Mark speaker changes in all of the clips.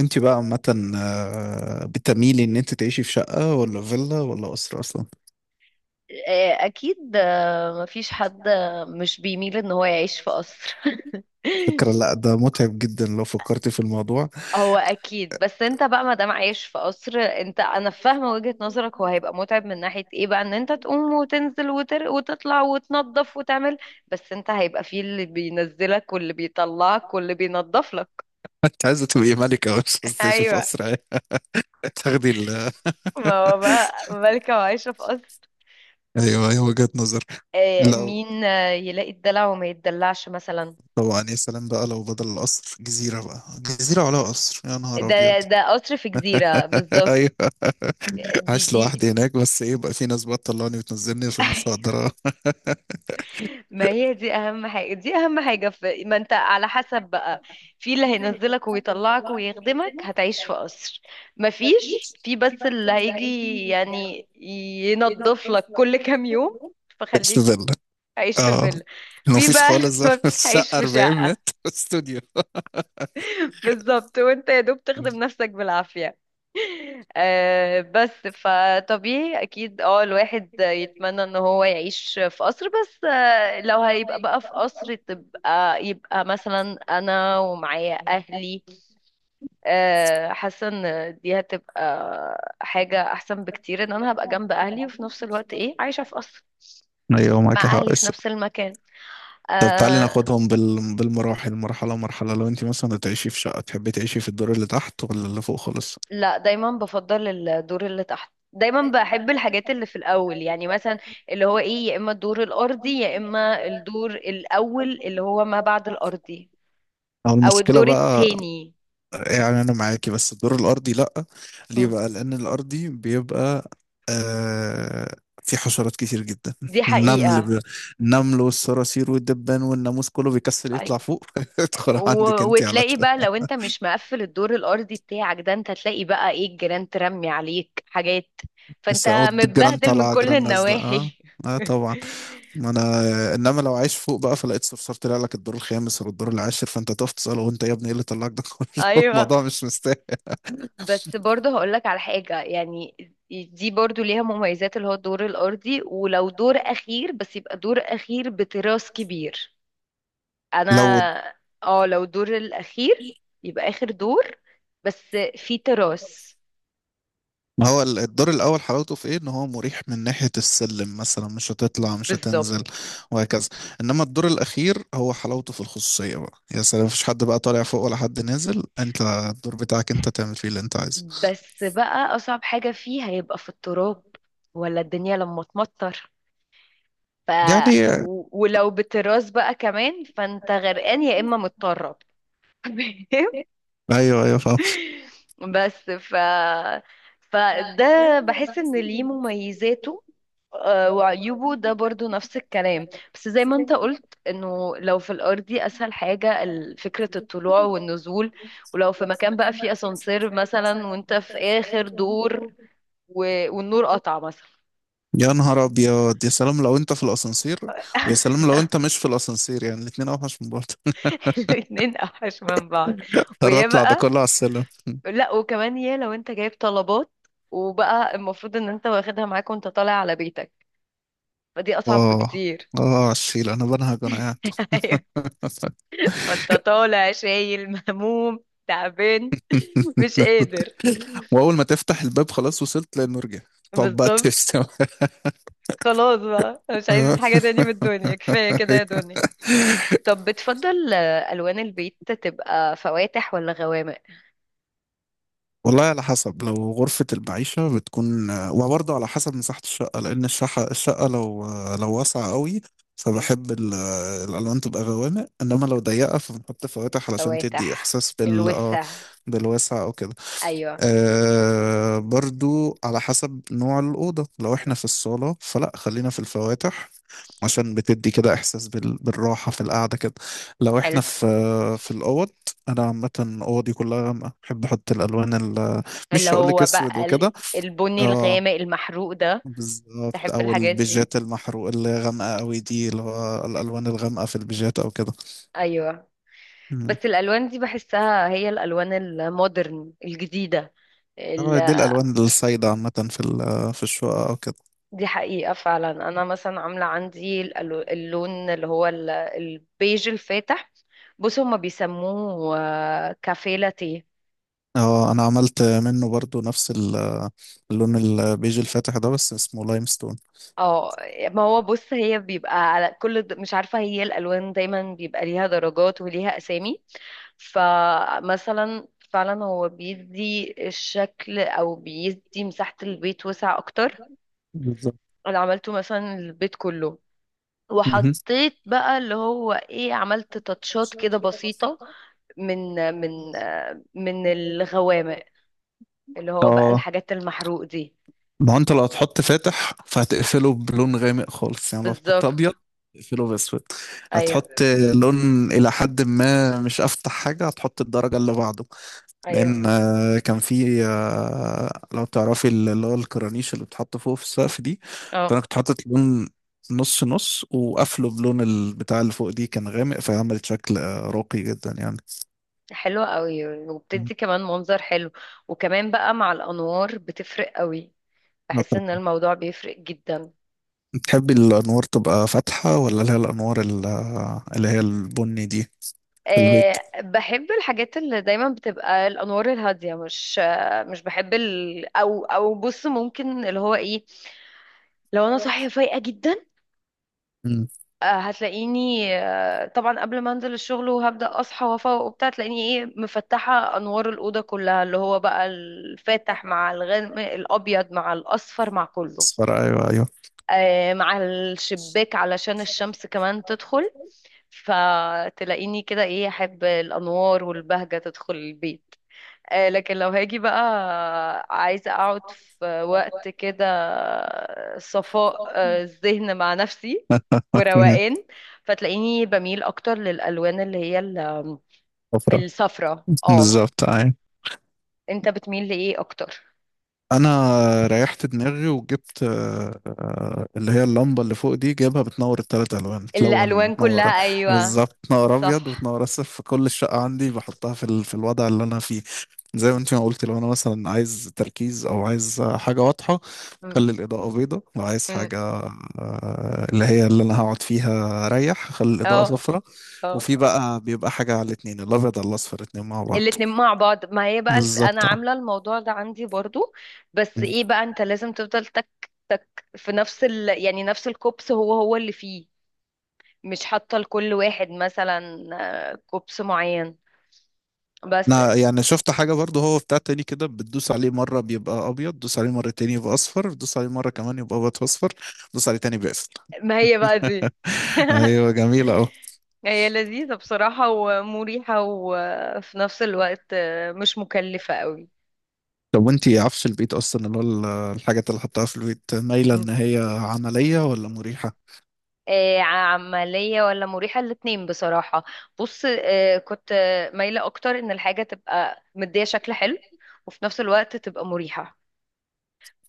Speaker 1: انت بقى عامة، بتميلي ان انت تعيشي في شقة ولا فيلا ولا أسرة اصلا؟
Speaker 2: اكيد، مفيش حد مش بيميل ان هو يعيش في قصر.
Speaker 1: فكرة لا، ده متعب جدا لو فكرتي في الموضوع.
Speaker 2: هو اكيد، بس انت بقى ما دام عايش في قصر، انت انا فاهمه وجهة نظرك. هو هيبقى متعب من ناحيه ايه بقى؟ ان انت تقوم وتنزل وتطلع وتنظف وتعمل. بس انت هيبقى فيه اللي بينزلك واللي بيطلعك واللي بينظف لك.
Speaker 1: انت عايزة تبقي ملكة، مش عايزة تعيشي في
Speaker 2: ايوه.
Speaker 1: أسرة يعني. تاخدي ال
Speaker 2: ما هو بقى مالكه وعايشه في قصر.
Speaker 1: ايوه، ايوه، وجهة نظر. لو
Speaker 2: مين يلاقي الدلع وما يتدلعش مثلا؟
Speaker 1: طبعا يا سلام بقى، لو بدل القصر جزيرة، بقى جزيرة على قصر يا نهار أبيض!
Speaker 2: ده قصر في جزيره بالظبط.
Speaker 1: ايوه.
Speaker 2: دي
Speaker 1: عايش
Speaker 2: دي
Speaker 1: لوحدي هناك، بس ايه بقى، في ناس بقى تطلعني وتنزلني عشان مش هقدر
Speaker 2: ما هي دي اهم حاجة، في ما انت على حسب بقى. في اللي هينزلك ويطلعك ويخدمك، هتعيش في قصر. ما فيش، في بس اللي هيجي يعني ينظف لك كل كام يوم
Speaker 1: اعيش في
Speaker 2: فخليك
Speaker 1: فيلا.
Speaker 2: عايش في
Speaker 1: اه.
Speaker 2: فيلا. في
Speaker 1: مفيش
Speaker 2: بقى
Speaker 1: خالص.
Speaker 2: هيعيش
Speaker 1: شقة
Speaker 2: في
Speaker 1: 40
Speaker 2: شقة.
Speaker 1: متر، استوديو.
Speaker 2: بالظبط، وانت يا دوب تخدم نفسك بالعافية. آه بس فطبيعي اكيد، الواحد يتمنى ان هو يعيش في قصر، بس لو هيبقى بقى في قصر، تبقى يبقى مثلا انا ومعايا اهلي. حاسة ان دي هتبقى حاجة احسن بكتير، ان انا هبقى جنب اهلي وفي نفس الوقت ايه عايشة في قصر
Speaker 1: ايوه، معاك
Speaker 2: مع
Speaker 1: حق.
Speaker 2: اهلي في نفس المكان.
Speaker 1: طب تعالي
Speaker 2: آه،
Speaker 1: ناخدهم بالمراحل، مرحله مرحله. لو انت مثلا هتعيشي في شقه، تحبي تعيشي في الدور اللي تحت ولا اللي فوق خالص؟
Speaker 2: لا، دايما بفضل الدور اللي تحت. دايما بحب الحاجات اللي في الاول، يعني مثلا اللي هو ايه، يا اما الدور الارضي، يا اما الدور الاول اللي هو ما بعد الارضي،
Speaker 1: او
Speaker 2: او
Speaker 1: المشكله
Speaker 2: الدور
Speaker 1: بقى.
Speaker 2: التاني.
Speaker 1: يعني انا معاكي، بس الدور الارضي لا. ليه
Speaker 2: م.
Speaker 1: بقى؟ لان الارضي بيبقى آه... في حشرات كتير جدا.
Speaker 2: دي
Speaker 1: النمل
Speaker 2: حقيقة.
Speaker 1: ب... النمل والصراصير والدبان والناموس كله بيكسل يطلع
Speaker 2: أيوة.
Speaker 1: فوق، ادخل
Speaker 2: و...
Speaker 1: عندك انت على
Speaker 2: وتلاقي
Speaker 1: طول.
Speaker 2: بقى لو انت مش مقفل الدور الارضي بتاعك ده، انت تلاقي بقى ايه، الجيران ترمي عليك حاجات، فانت
Speaker 1: بس أو الجيران
Speaker 2: متبهدل من
Speaker 1: طالعه،
Speaker 2: كل
Speaker 1: جيران نازله، اه.
Speaker 2: النواحي.
Speaker 1: اه طبعا. ما انا، انما لو عايش فوق بقى فلقيت صرصار طلع لك الدور الخامس ولا الدور العاشر، فانت تقف تساله: وانت يا ابني ايه اللي طلعك ده كله؟
Speaker 2: ايوه.
Speaker 1: الموضوع مش مستاهل.
Speaker 2: بس برضه هقولك على حاجة، يعني دي برضه ليها مميزات، اللي هو الدور الأرضي، ولو دور أخير بس يبقى دور أخير بتراس كبير. أنا
Speaker 1: لو
Speaker 2: اه لو دور الأخير، يبقى آخر دور بس في تراس.
Speaker 1: ما هو الدور الاول حلاوته في ايه؟ ان هو مريح من ناحيه السلم مثلا، مش هتطلع مش هتنزل
Speaker 2: بالظبط.
Speaker 1: وهكذا. انما الدور الاخير هو حلاوته في الخصوصيه، بقى يا سلام، مفيش حد بقى طالع فوق ولا حد نازل، انت الدور بتاعك انت تعمل فيه اللي انت عايزه.
Speaker 2: بس بقى أصعب حاجة فيه هيبقى في التراب، ولا الدنيا لما تمطر. ف
Speaker 1: يعني،
Speaker 2: ولو بتراس بقى كمان فانت غرقان يا إما متطرب.
Speaker 1: ايوه ايوه، فاهم.
Speaker 2: بس فده بحس ان ليه مميزاته وعيوبه. ده برضو نفس الكلام، بس زي ما انت قلت انه لو في الارضي اسهل حاجة فكرة الطلوع والنزول. ولو في مكان بقى فيه اسانسير مثلا وانت في اخر دور، و... والنور قطع مثلا.
Speaker 1: يا نهار ابيض، يا سلام لو انت في الاسانسير! ويا سلام لو انت مش في الاسانسير، يعني الاتنين اوحش من بعض.
Speaker 2: الاتنين اوحش من بعض.
Speaker 1: اضطر
Speaker 2: ويا
Speaker 1: اطلع ده كله
Speaker 2: بقى،
Speaker 1: على السلم.
Speaker 2: لا وكمان، يا لو انت جايب طلبات وبقى المفروض ان انت واخدها معاك وانت طالع على بيتك، فدي اصعب
Speaker 1: اه،
Speaker 2: بكتير.
Speaker 1: اه، على الشيل انا بنهج وانا قاعد.
Speaker 2: ايوه. فانت طالع شايل مهموم تعبان مش قادر.
Speaker 1: واول ما تفتح الباب، خلاص وصلت للمرجع. طب بقى
Speaker 2: بالظبط.
Speaker 1: تشتم.
Speaker 2: خلاص بقى أنا مش عايز حاجة تاني من الدنيا، كفاية كده يا دنيا. طب، بتفضل ألوان البيت تبقى فواتح ولا غوامق؟
Speaker 1: والله على حسب، لو غرفة المعيشة بتكون، وبرضه على حسب مساحة الشقة، لأن الشقة لو واسعة قوي،
Speaker 2: مم.
Speaker 1: فبحب الألوان تبقى غوامق، إنما لو ضيقة فبنحط فواتح علشان تدي
Speaker 2: فواتح،
Speaker 1: إحساس
Speaker 2: الوسع.
Speaker 1: بالواسع أو كده.
Speaker 2: أيوة.
Speaker 1: برضو على حسب نوع الأوضة، لو احنا في الصالة فلا خلينا في الفواتح، عشان بتدي كده إحساس بالراحة في القعدة كده. لو
Speaker 2: حلو.
Speaker 1: احنا في في الأوض أنا عامة أوضي كلها، بحب أحط الألوان
Speaker 2: اللي
Speaker 1: مش هقولك
Speaker 2: هو
Speaker 1: أسود
Speaker 2: بقى
Speaker 1: وكده.
Speaker 2: البني
Speaker 1: اه
Speaker 2: الغامق المحروق ده.
Speaker 1: بالظبط،
Speaker 2: تحب
Speaker 1: أو
Speaker 2: الحاجات دي.
Speaker 1: البيجات المحروق، اللي هي غامقة أوي دي، اللي هو الألوان الغامقة في البيجات أو كده.
Speaker 2: أيوة.
Speaker 1: مم.
Speaker 2: بس الألوان دي بحسها هي الألوان المودرن الجديدة ال-
Speaker 1: اه، دي الألوان السايدة عامة في الشقة أو كده.
Speaker 2: دي حقيقة فعلا. أنا مثلا عاملة عندي اللون اللي هو البيج الفاتح. بص هما بيسموه كافيه لاتيه.
Speaker 1: اه، انا عملت منه برضو نفس اللون البيج الفاتح ده، بس اسمه لايم ستون.
Speaker 2: اه. ما هو بص، هي بيبقى على كل مش عارفة، هي الألوان دايما بيبقى ليها درجات وليها أسامي، فمثلا فعلا هو بيدي الشكل أو بيدي مساحة البيت وسع أكتر.
Speaker 1: بالظبط.
Speaker 2: أنا عملته مثلا البيت كله،
Speaker 1: مهم.
Speaker 2: وحطيت بقى اللي هو ايه، عملت تاتشات كده بسيطة من من من الغوامق، اللي هو بقى
Speaker 1: اه
Speaker 2: الحاجات المحروق دي.
Speaker 1: ما هو انت لو هتحط فاتح، فهتقفله بلون غامق خالص، يعني لو هتحط
Speaker 2: بالظبط.
Speaker 1: ابيض تقفله باسود.
Speaker 2: ايوه
Speaker 1: هتحط لون الى حد ما مش افتح حاجه، هتحط الدرجه اللي بعده. لان
Speaker 2: ايوه،
Speaker 1: كان في، لو تعرفي اللي هو الكرانيش اللي بتحط فوق في السقف دي،
Speaker 2: اه.
Speaker 1: فانا كنت حاطط لون نص نص، وقافله بلون البتاع اللي فوق دي كان غامق، فعملت شكل راقي جدا يعني.
Speaker 2: حلوة قوي،
Speaker 1: مم.
Speaker 2: وبتدي كمان منظر حلو. وكمان بقى مع الانوار بتفرق قوي،
Speaker 1: اه
Speaker 2: بحس ان
Speaker 1: طبعا.
Speaker 2: الموضوع بيفرق جدا.
Speaker 1: بتحبي الانوار تبقى فاتحه، ولا اللي هي الانوار اللي هي البني دي؟ في البيت.
Speaker 2: أه، بحب الحاجات اللي دايما بتبقى الانوار الهاديه، مش مش بحب او او بص، ممكن اللي هو ايه، لو انا صاحيه فايقه جدا،
Speaker 1: مم.
Speaker 2: هتلاقيني طبعا قبل ما انزل الشغل وهبدأ اصحى وافوق وبتاع، تلاقيني ايه، مفتحة انوار الأوضة كلها، اللي هو بقى الفاتح مع الغامق، الابيض مع الاصفر مع كله،
Speaker 1: اصفر، ايوه ايوه.
Speaker 2: مع الشباك علشان الشمس كمان تدخل، فتلاقيني كده ايه، احب الانوار والبهجة تدخل البيت. لكن لو هاجي بقى عايزة أقعد في وقت كده صفاء الذهن مع نفسي وروقان، فتلاقيني بميل أكتر للألوان اللي هي
Speaker 1: صفرا.
Speaker 2: الصفرة. اه.
Speaker 1: بالظبط، أيوة.
Speaker 2: انت بتميل لإيه أكتر؟
Speaker 1: انا ريحت دماغي وجبت، اللي هي اللمبه اللي فوق دي جايبها بتنور الثلاث الوان، بتلون
Speaker 2: الألوان
Speaker 1: بتنور.
Speaker 2: كلها، أيوة،
Speaker 1: بالظبط، بتنور ابيض
Speaker 2: صح.
Speaker 1: وبتنور اصفر، في كل الشقه عندي بحطها في الوضع اللي انا فيه. زي ما انت ما قلت، لو انا مثلا عايز تركيز او عايز حاجه واضحه،
Speaker 2: م-
Speaker 1: خلي الاضاءه بيضه. لو عايز
Speaker 2: م.
Speaker 1: حاجه اللي هي اللي انا هقعد فيها ريح، خلي الاضاءه
Speaker 2: اه
Speaker 1: صفراء.
Speaker 2: اه.
Speaker 1: وفي بقى بيبقى حاجه على الاتنين، الابيض على الاصفر، الاتنين مع بعض.
Speaker 2: الاتنين مع بعض، ما هي بقى
Speaker 1: بالظبط
Speaker 2: انا
Speaker 1: اه.
Speaker 2: عامله الموضوع ده عندي برضو، بس ايه بقى، انت لازم تفضل تك تك في نفس يعني نفس الكوبس هو هو اللي فيه، مش حاطه لكل واحد مثلا كوبس معين بس.
Speaker 1: انا يعني شفت حاجة برضه، هو بتاع تاني كده، بتدوس عليه مرة بيبقى ابيض، دوس عليه مرة تاني يبقى اصفر، دوس عليه مرة كمان يبقى ابيض اصفر، دوس عليه تاني بيقفل.
Speaker 2: ما هي بقى دي.
Speaker 1: ايوه جميلة اهو.
Speaker 2: هي لذيذه بصراحه ومريحه، وفي نفس الوقت مش مكلفه قوي.
Speaker 1: طب وانتي، عفش البيت اصلا اللي هو الحاجات اللي حطها في البيت، مايلة ان هي عملية ولا مريحة؟
Speaker 2: عملية ولا مريحة، الاتنين بصراحة. بص، كنت مايلة أكتر إن الحاجة تبقى مدية شكل حلو، وفي نفس الوقت تبقى مريحة.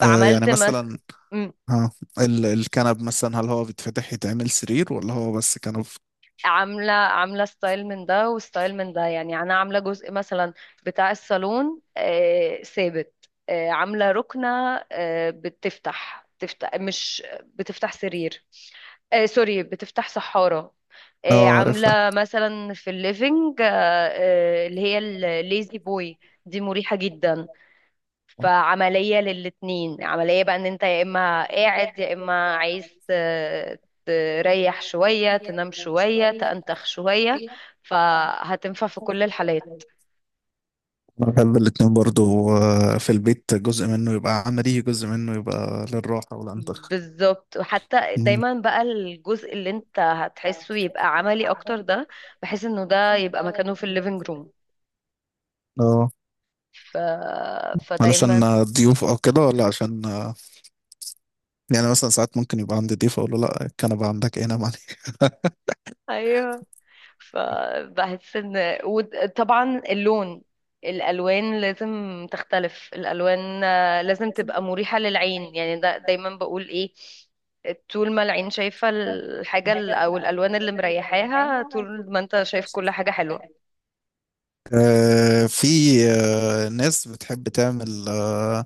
Speaker 1: يعني
Speaker 2: فعملت
Speaker 1: مثلا،
Speaker 2: مم،
Speaker 1: ها، الكنب مثلا، هل هو بيتفتح يتعمل سرير، ولا هو بس كنب؟
Speaker 2: عاملة ستايل من ده وستايل من ده. يعني أنا عاملة جزء مثلا بتاع الصالون ثابت، عاملة ركنة، بتفتح مش بتفتح سرير. سوري، بتفتح سحارة.
Speaker 1: اه عرفتها.
Speaker 2: عاملة مثلا في الليفينج اللي هي الليزي بوي، دي مريحة جدا. فعملية للاتنين، عملية بقى ان انت يا اما قاعد يا اما عايز تريح شوية، تنام شوية، تأنتخ شوية، فهتنفع في كل الحالات.
Speaker 1: أنا بحب الاتنين برضو، في البيت جزء منه يبقى عملي، جزء منه يبقى للراحة والأنتخ.
Speaker 2: بالظبط. وحتى
Speaker 1: مم.
Speaker 2: دايما بقى الجزء اللي انت هتحسه يبقى عملي اكتر ده، بحيث انه ده يبقى مكانه في الليفينج روم،
Speaker 1: اه
Speaker 2: ف... فدايما.
Speaker 1: علشان ضيوف او كده، ولا عشان يعني مثلا ساعات ممكن يبقى عندي ضيف اقول له: لا، الكنبه عندك، ايه نام عليك.
Speaker 2: ايوه. فبحس ان، وطبعا اللون، الالوان لازم تختلف. الالوان لازم تبقى مريحة للعين، يعني ده دايما بقول ايه، طول ما العين شايفة الحاجة او الالوان اللي مريحاها، طول ما انت شايف كل حاجة حلوة.
Speaker 1: في، ناس بتحب تعمل،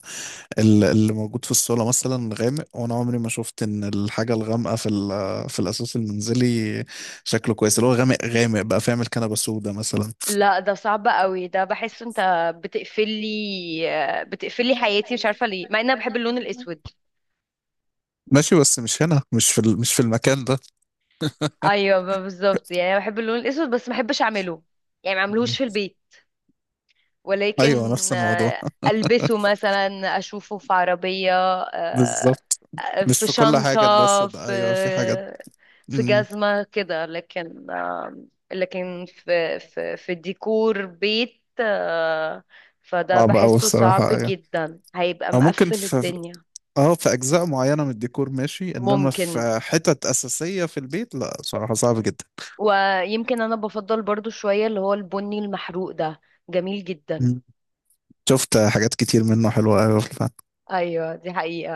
Speaker 1: اللي موجود في الصاله مثلا غامق، وانا عمري ما شفت ان الحاجه الغامقه في الاساس المنزلي شكله كويس، اللي هو غامق غامق بقى، فيعمل كنبه سودا مثلا.
Speaker 2: لا، ده صعب قوي، ده بحس انت بتقفلي بتقفلي حياتي، مش عارفة ليه، مع ان انا بحب اللون الاسود.
Speaker 1: ماشي، بس مش هنا، مش مش في المكان ده.
Speaker 2: ايوه بالظبط، يعني انا بحب اللون الاسود بس ما بحبش اعمله، يعني ما
Speaker 1: مم.
Speaker 2: اعملهوش في البيت.
Speaker 1: ايوه
Speaker 2: ولكن
Speaker 1: نفس الموضوع.
Speaker 2: ألبسه مثلا، أشوفه في عربية، آه،
Speaker 1: بالظبط، مش
Speaker 2: في
Speaker 1: في كل
Speaker 2: شنطة،
Speaker 1: حاجه الناس ده،
Speaker 2: في
Speaker 1: ايوه في حاجات.
Speaker 2: في
Speaker 1: مم.
Speaker 2: جزمة كده، لكن لكن في ديكور بيت فده
Speaker 1: صعبه قوي
Speaker 2: بحسه صعب
Speaker 1: بصراحه، أيوة.
Speaker 2: جدا، هيبقى
Speaker 1: او ممكن
Speaker 2: مقفل الدنيا.
Speaker 1: اه، في اجزاء معينه من الديكور ماشي، انما
Speaker 2: ممكن.
Speaker 1: في حتت اساسيه في البيت لا، صراحه صعب جدا.
Speaker 2: ويمكن أنا بفضل برضو شوية اللي هو البني المحروق ده، جميل جدا.
Speaker 1: مم. شفت حاجات كتير منه حلوه قوي.
Speaker 2: أيوة، دي حقيقة.